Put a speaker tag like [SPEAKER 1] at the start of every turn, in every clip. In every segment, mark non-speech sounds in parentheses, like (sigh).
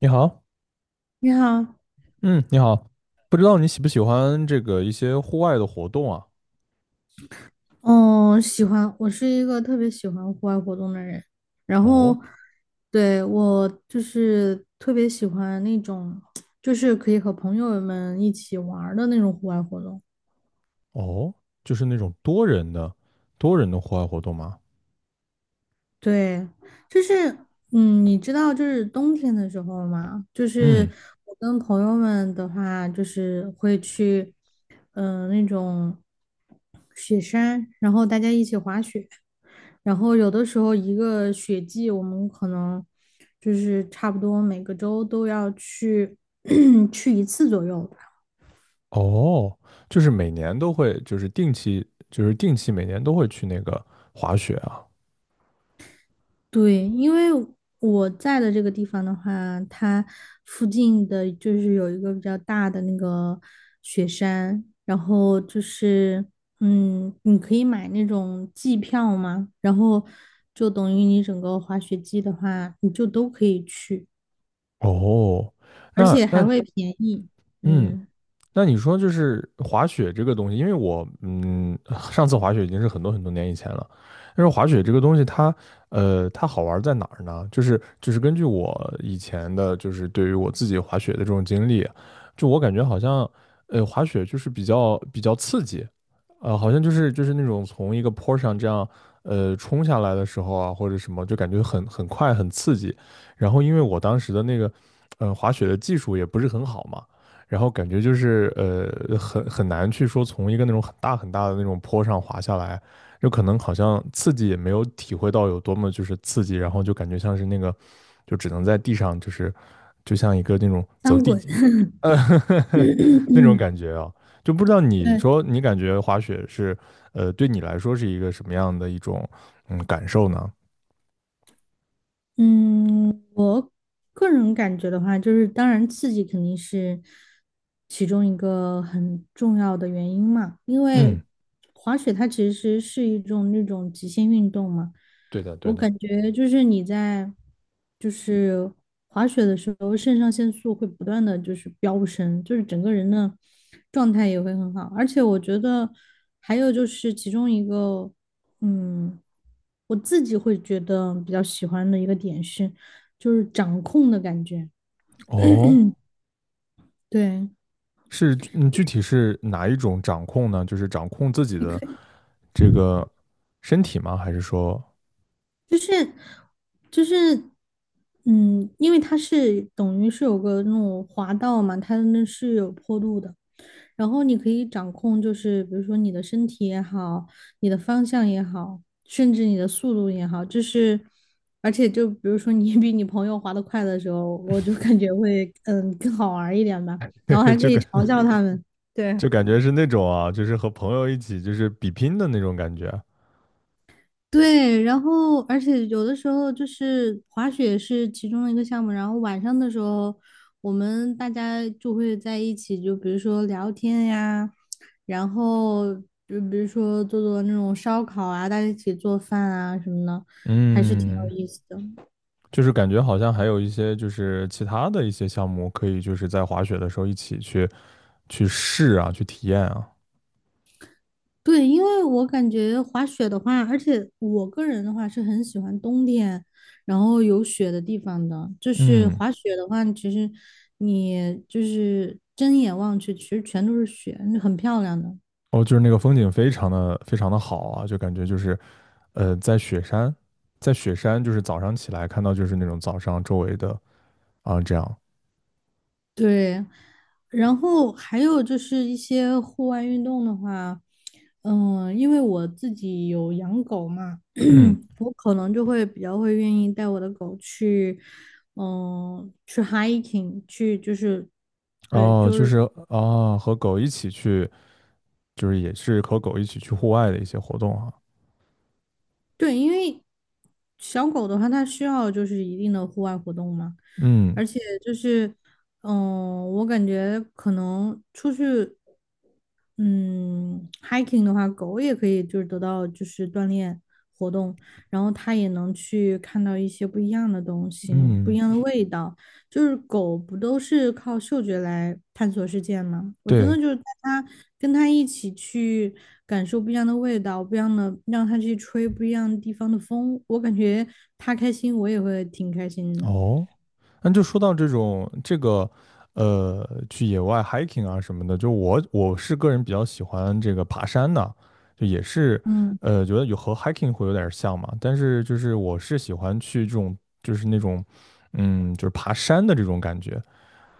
[SPEAKER 1] 你好。
[SPEAKER 2] 你好，
[SPEAKER 1] 嗯，你好。不知道你喜不喜欢这个一些户外的活动啊？
[SPEAKER 2] 嗯，喜欢，我是一个特别喜欢户外活动的人，然后，
[SPEAKER 1] 哦。
[SPEAKER 2] 对，我就是特别喜欢那种，就是可以和朋友们一起玩儿的那种户外活动。
[SPEAKER 1] 哦，就是那种多人的户外活动吗？
[SPEAKER 2] 对，就是，你知道，就是冬天的时候嘛，就是
[SPEAKER 1] 嗯。
[SPEAKER 2] 我跟朋友们的话，就是会去，那种雪山，然后大家一起滑雪。然后有的时候一个雪季，我们可能就是差不多每个周都要去 (clears throat) 去一次左右吧。
[SPEAKER 1] 哦，就是每年都会，就是定期，就是定期每年都会去那个滑雪啊。
[SPEAKER 2] 对，因为我在的这个地方的话，它附近的就是有一个比较大的那个雪山，然后就是你可以买那种季票嘛，然后就等于你整个滑雪季的话，你就都可以去，
[SPEAKER 1] 哦，
[SPEAKER 2] 而
[SPEAKER 1] 那
[SPEAKER 2] 且还
[SPEAKER 1] 那
[SPEAKER 2] 会便宜。
[SPEAKER 1] 嗯，
[SPEAKER 2] 嗯，
[SPEAKER 1] 那你说就是滑雪这个东西，因为我上次滑雪已经是很多很多年以前了。但是滑雪这个东西它，它好玩在哪儿呢？就是根据我以前的，就是对于我自己滑雪的这种经历，就我感觉好像，滑雪就是比较刺激，好像就是那种从一个坡上这样，冲下来的时候啊，或者什么，就感觉很快很刺激。然后因为我当时的那个，滑雪的技术也不是很好嘛。然后感觉就是很难去说从一个那种很大很大的那种坡上滑下来，就可能好像刺激也没有体会到有多么就是刺激，然后就感觉像是那个就只能在地上就是就像一个那种走
[SPEAKER 2] 翻
[SPEAKER 1] 地
[SPEAKER 2] 滚。
[SPEAKER 1] 鸡，
[SPEAKER 2] (laughs)
[SPEAKER 1] 呃
[SPEAKER 2] (clears throat)
[SPEAKER 1] (laughs) 那种
[SPEAKER 2] 嗯，
[SPEAKER 1] 感觉啊，就不知道你
[SPEAKER 2] 对，
[SPEAKER 1] 说你感觉滑雪是呃对你来说是一个什么样的一种嗯感受呢？
[SPEAKER 2] 嗯，我个人感觉的话，就是当然刺激肯定是其中一个很重要的原因嘛，因为
[SPEAKER 1] 嗯，
[SPEAKER 2] 滑雪它其实是一种那种极限运动嘛，
[SPEAKER 1] 对的，
[SPEAKER 2] 我
[SPEAKER 1] 对的。
[SPEAKER 2] 感觉就是你在就是滑雪的时候，肾上腺素会不断的就是飙升，就是整个人的状态也会很好。而且我觉得还有就是其中一个，嗯，我自己会觉得比较喜欢的一个点是，就是掌控的感觉。
[SPEAKER 1] 哦，
[SPEAKER 2] 对，
[SPEAKER 1] 是，嗯，具体是哪一种掌控呢？就是掌控自己
[SPEAKER 2] 你可
[SPEAKER 1] 的
[SPEAKER 2] 以
[SPEAKER 1] 这个身体吗？还是说，
[SPEAKER 2] 就是就是。因为它是等于是有个那种滑道嘛，它那是有坡度的，然后你可以掌控，就是比如说你的身体也好，你的方向也好，甚至你的速度也好，就是而且就比如说你 (laughs) 比你朋友滑得快的时候，我就感觉会更好玩儿一点吧，然后
[SPEAKER 1] (laughs)
[SPEAKER 2] 还可
[SPEAKER 1] 就
[SPEAKER 2] 以
[SPEAKER 1] 感
[SPEAKER 2] 嘲笑他们，对。
[SPEAKER 1] 就感觉是那种啊，就是和朋友一起就是比拼的那种感觉。
[SPEAKER 2] 对，然后而且有的时候就是滑雪是其中的一个项目，然后晚上的时候我们大家就会在一起，就比如说聊天呀，然后就比如说做做那种烧烤啊，大家一起做饭啊什么的，还是挺有
[SPEAKER 1] 嗯，
[SPEAKER 2] 意思的。
[SPEAKER 1] 就是感觉好像还有一些就是其他的一些项目可以就是在滑雪的时候一起去去试啊，去体验啊。
[SPEAKER 2] 对，因为我感觉滑雪的话，而且我个人的话是很喜欢冬天，然后有雪的地方的。就是
[SPEAKER 1] 嗯。
[SPEAKER 2] 滑雪的话，其实你就是睁眼望去，其实全都是雪，很漂亮的。
[SPEAKER 1] 哦，就是那个风景非常的非常的好啊，就感觉就是，在雪山，在雪山就是早上起来看到就是那种早上周围的啊这样。
[SPEAKER 2] 对，然后还有就是一些户外运动的话，因为我自己有养狗嘛。
[SPEAKER 1] 嗯。
[SPEAKER 2] 我可能就会比较会愿意带我的狗去，去 hiking，去就是，对，
[SPEAKER 1] 哦，
[SPEAKER 2] 就
[SPEAKER 1] 就
[SPEAKER 2] 是
[SPEAKER 1] 是啊和狗一起去，就是也是和狗一起去户外的一些活动啊。
[SPEAKER 2] 对，因为小狗的话，它需要就是一定的户外活动嘛，
[SPEAKER 1] 嗯。
[SPEAKER 2] 而且就是，我感觉可能出去嗯，hiking 的话，狗也可以就是得到就是锻炼活动，然后它也能去看到一些不一样的东西，不一
[SPEAKER 1] 嗯，
[SPEAKER 2] 样的味道。就是狗不都是靠嗅觉来探索世界吗？我真的
[SPEAKER 1] 对。
[SPEAKER 2] 就是带它跟它一起去感受不一样的味道，不一样的，让它去吹不一样地方的风，我感觉它开心，我也会挺开心的。
[SPEAKER 1] 哦，那就说到这种这个，去野外 hiking 啊什么的，就我是个人比较喜欢这个爬山的，就也是，
[SPEAKER 2] 嗯。
[SPEAKER 1] 觉得有和 hiking 会有点儿像嘛，但是就是我是喜欢去这种就是那种，嗯，就是爬山的这种感觉，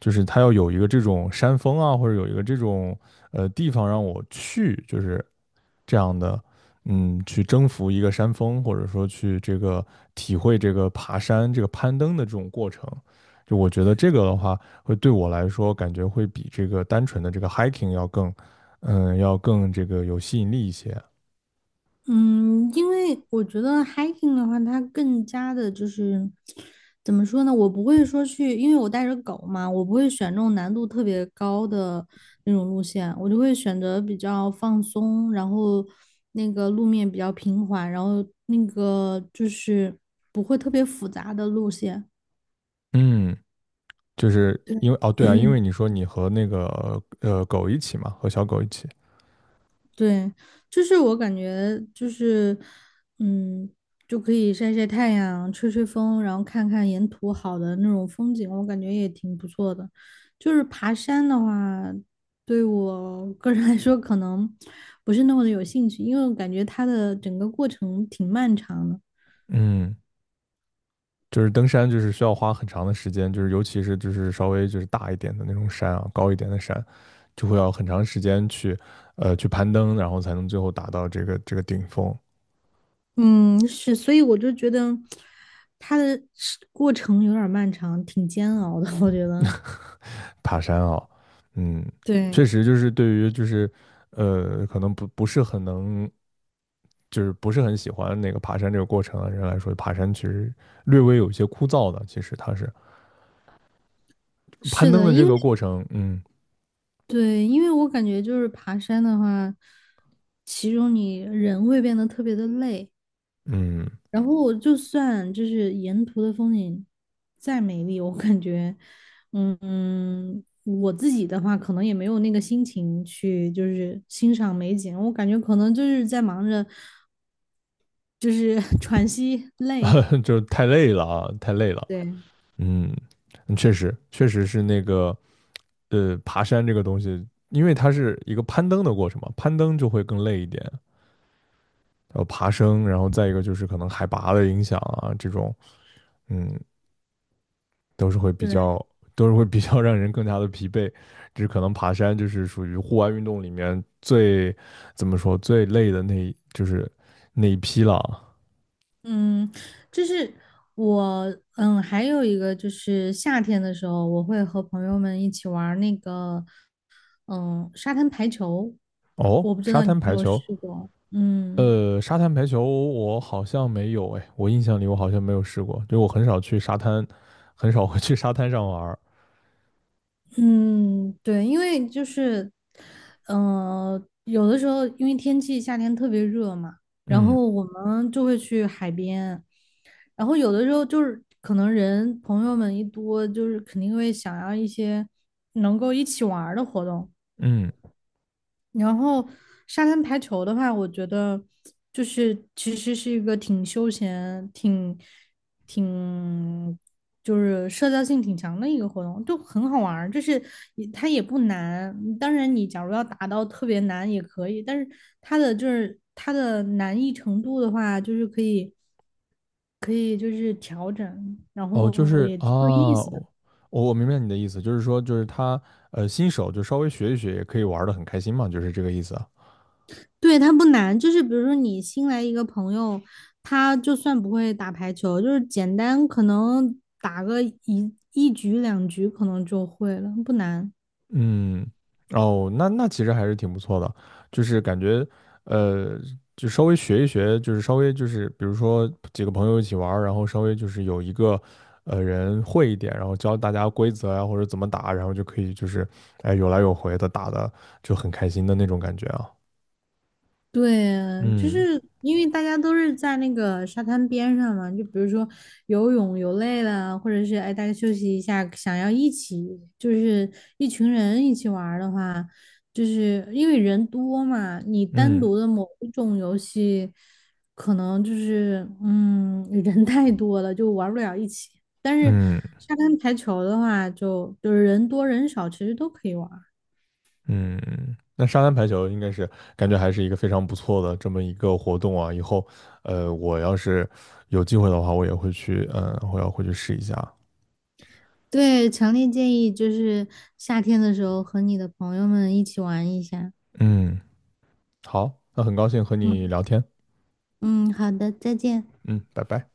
[SPEAKER 1] 就是它要有一个这种山峰啊，或者有一个这种地方让我去，就是这样的，嗯，去征服一个山峰，或者说去这个体会这个爬山、这个攀登的这种过程。就我觉得这个的话，会对我来说感觉会比这个单纯的这个 hiking 要更，嗯，要更这个有吸引力一些。
[SPEAKER 2] 嗯，因为我觉得 hiking 的话，它更加的就是怎么说呢？我不会说去，因为我带着狗嘛，我不会选那种难度特别高的那种路线，我就会选择比较放松，然后那个路面比较平缓，然后那个就是不会特别复杂的路线。
[SPEAKER 1] 嗯，就是
[SPEAKER 2] 对。
[SPEAKER 1] 因为哦，对啊，因为你说你和那个狗一起嘛，和小狗一起。
[SPEAKER 2] 对，就是我感觉就是，嗯，就可以晒晒太阳、吹吹风，然后看看沿途好的那种风景，我感觉也挺不错的。就是爬山的话，对我个人来说可能不是那么的有兴趣，因为我感觉它的整个过程挺漫长的。
[SPEAKER 1] 嗯，就是登山就是需要花很长的时间，就是尤其是就是稍微就是大一点的那种山啊，高一点的山，就会要很长时间去去攀登，然后才能最后达到这个顶峰
[SPEAKER 2] 嗯，是，所以我就觉得它的是过程有点儿漫长，挺煎熬的，我觉得。
[SPEAKER 1] 爬山啊。嗯，确
[SPEAKER 2] 对，
[SPEAKER 1] 实就是对于就是可能不是很能就是不是很喜欢那个爬山这个过程的人来说，爬山其实略微有一些枯燥的。其实它是攀
[SPEAKER 2] 是
[SPEAKER 1] 登
[SPEAKER 2] 的，
[SPEAKER 1] 的这
[SPEAKER 2] 因为
[SPEAKER 1] 个过程。嗯。
[SPEAKER 2] 对，因为我感觉就是爬山的话，其中你人会变得特别的累，
[SPEAKER 1] 嗯，
[SPEAKER 2] 然后我就算就是沿途的风景再美丽，我感觉，我自己的话可能也没有那个心情去就是欣赏美景，我感觉可能就是在忙着就是 (laughs) 喘息累，
[SPEAKER 1] (laughs) 就是太累了啊，太累了。
[SPEAKER 2] 对。
[SPEAKER 1] 嗯，嗯确实，确实是那个爬山这个东西，因为它是一个攀登的过程嘛，攀登就会更累一点，然后爬升，然后再一个就是可能海拔的影响啊，这种，嗯，都是会比
[SPEAKER 2] 对。
[SPEAKER 1] 较，都是会比较让人更加的疲惫。只可能爬山就是属于户外运动里面最怎么说最累的那一就是那一批了啊。
[SPEAKER 2] 嗯，就是我，还有一个就是夏天的时候，我会和朋友们一起玩儿那个，沙滩排球。
[SPEAKER 1] 哦，
[SPEAKER 2] 我不知
[SPEAKER 1] 沙
[SPEAKER 2] 道你有
[SPEAKER 1] 滩
[SPEAKER 2] 没
[SPEAKER 1] 排
[SPEAKER 2] 有
[SPEAKER 1] 球。
[SPEAKER 2] 试过。嗯
[SPEAKER 1] 沙滩排球我好像没有哎，我印象里我好像没有试过，就我很少去沙滩，很少会去沙滩上玩儿。
[SPEAKER 2] 嗯，对，因为就是，有的时候因为天气夏天特别热嘛，然
[SPEAKER 1] 嗯。
[SPEAKER 2] 后我们就会去海边，然后有的时候就是可能人朋友们一多，就是肯定会想要一些能够一起玩儿的活动。
[SPEAKER 1] 嗯，
[SPEAKER 2] 然后沙滩排球的话，我觉得就是其实是一个挺休闲、挺就是社交性挺强的一个活动，就很好玩儿。就是你它也不难，当然你假如要达到特别难也可以，但是它的难易程度的话，就是可以就是调整，然
[SPEAKER 1] 哦，就
[SPEAKER 2] 后
[SPEAKER 1] 是
[SPEAKER 2] 也
[SPEAKER 1] 啊，
[SPEAKER 2] 挺有意思的。
[SPEAKER 1] 我我明白你的意思，就是说就是他新手就稍微学一学也可以玩的很开心嘛，就是这个意思啊。
[SPEAKER 2] 对，它不难，就是比如说你新来一个朋友，他就算不会打排球，就是简单可能打个一局两局可能就会了，不难。
[SPEAKER 1] 嗯，哦，那那其实还是挺不错的，就是感觉，呃，就稍微学一学，就是稍微就是，比如说几个朋友一起玩儿然后稍微就是有一个，人会一点，然后教大家规则呀，或者怎么打，然后就可以就是，哎，有来有回的打的就很开心的那种感觉啊。
[SPEAKER 2] 对啊，就
[SPEAKER 1] 嗯。
[SPEAKER 2] 是因为大家都是在那个沙滩边上嘛，就比如说游泳游累了，或者是哎大家休息一下，想要一起就是一群人一起玩儿的话，就是因为人多嘛，你单
[SPEAKER 1] 嗯。
[SPEAKER 2] 独的某一种游戏，可能就是(laughs) 人太多了就玩不了一起。但是
[SPEAKER 1] 嗯。
[SPEAKER 2] 沙滩排球的话就是人多人少其实都可以玩。
[SPEAKER 1] 嗯，那沙滩排球应该是感觉还是一个非常不错的这么一个活动啊。以后，我要是有机会的话，我也会去，嗯、我要回去试一下。
[SPEAKER 2] 对，强烈建议就是夏天的时候和你的朋友们一起玩一下。
[SPEAKER 1] 嗯，好，那很高兴和你
[SPEAKER 2] 嗯
[SPEAKER 1] 聊天。
[SPEAKER 2] 嗯，好的，再见。
[SPEAKER 1] 嗯，拜拜。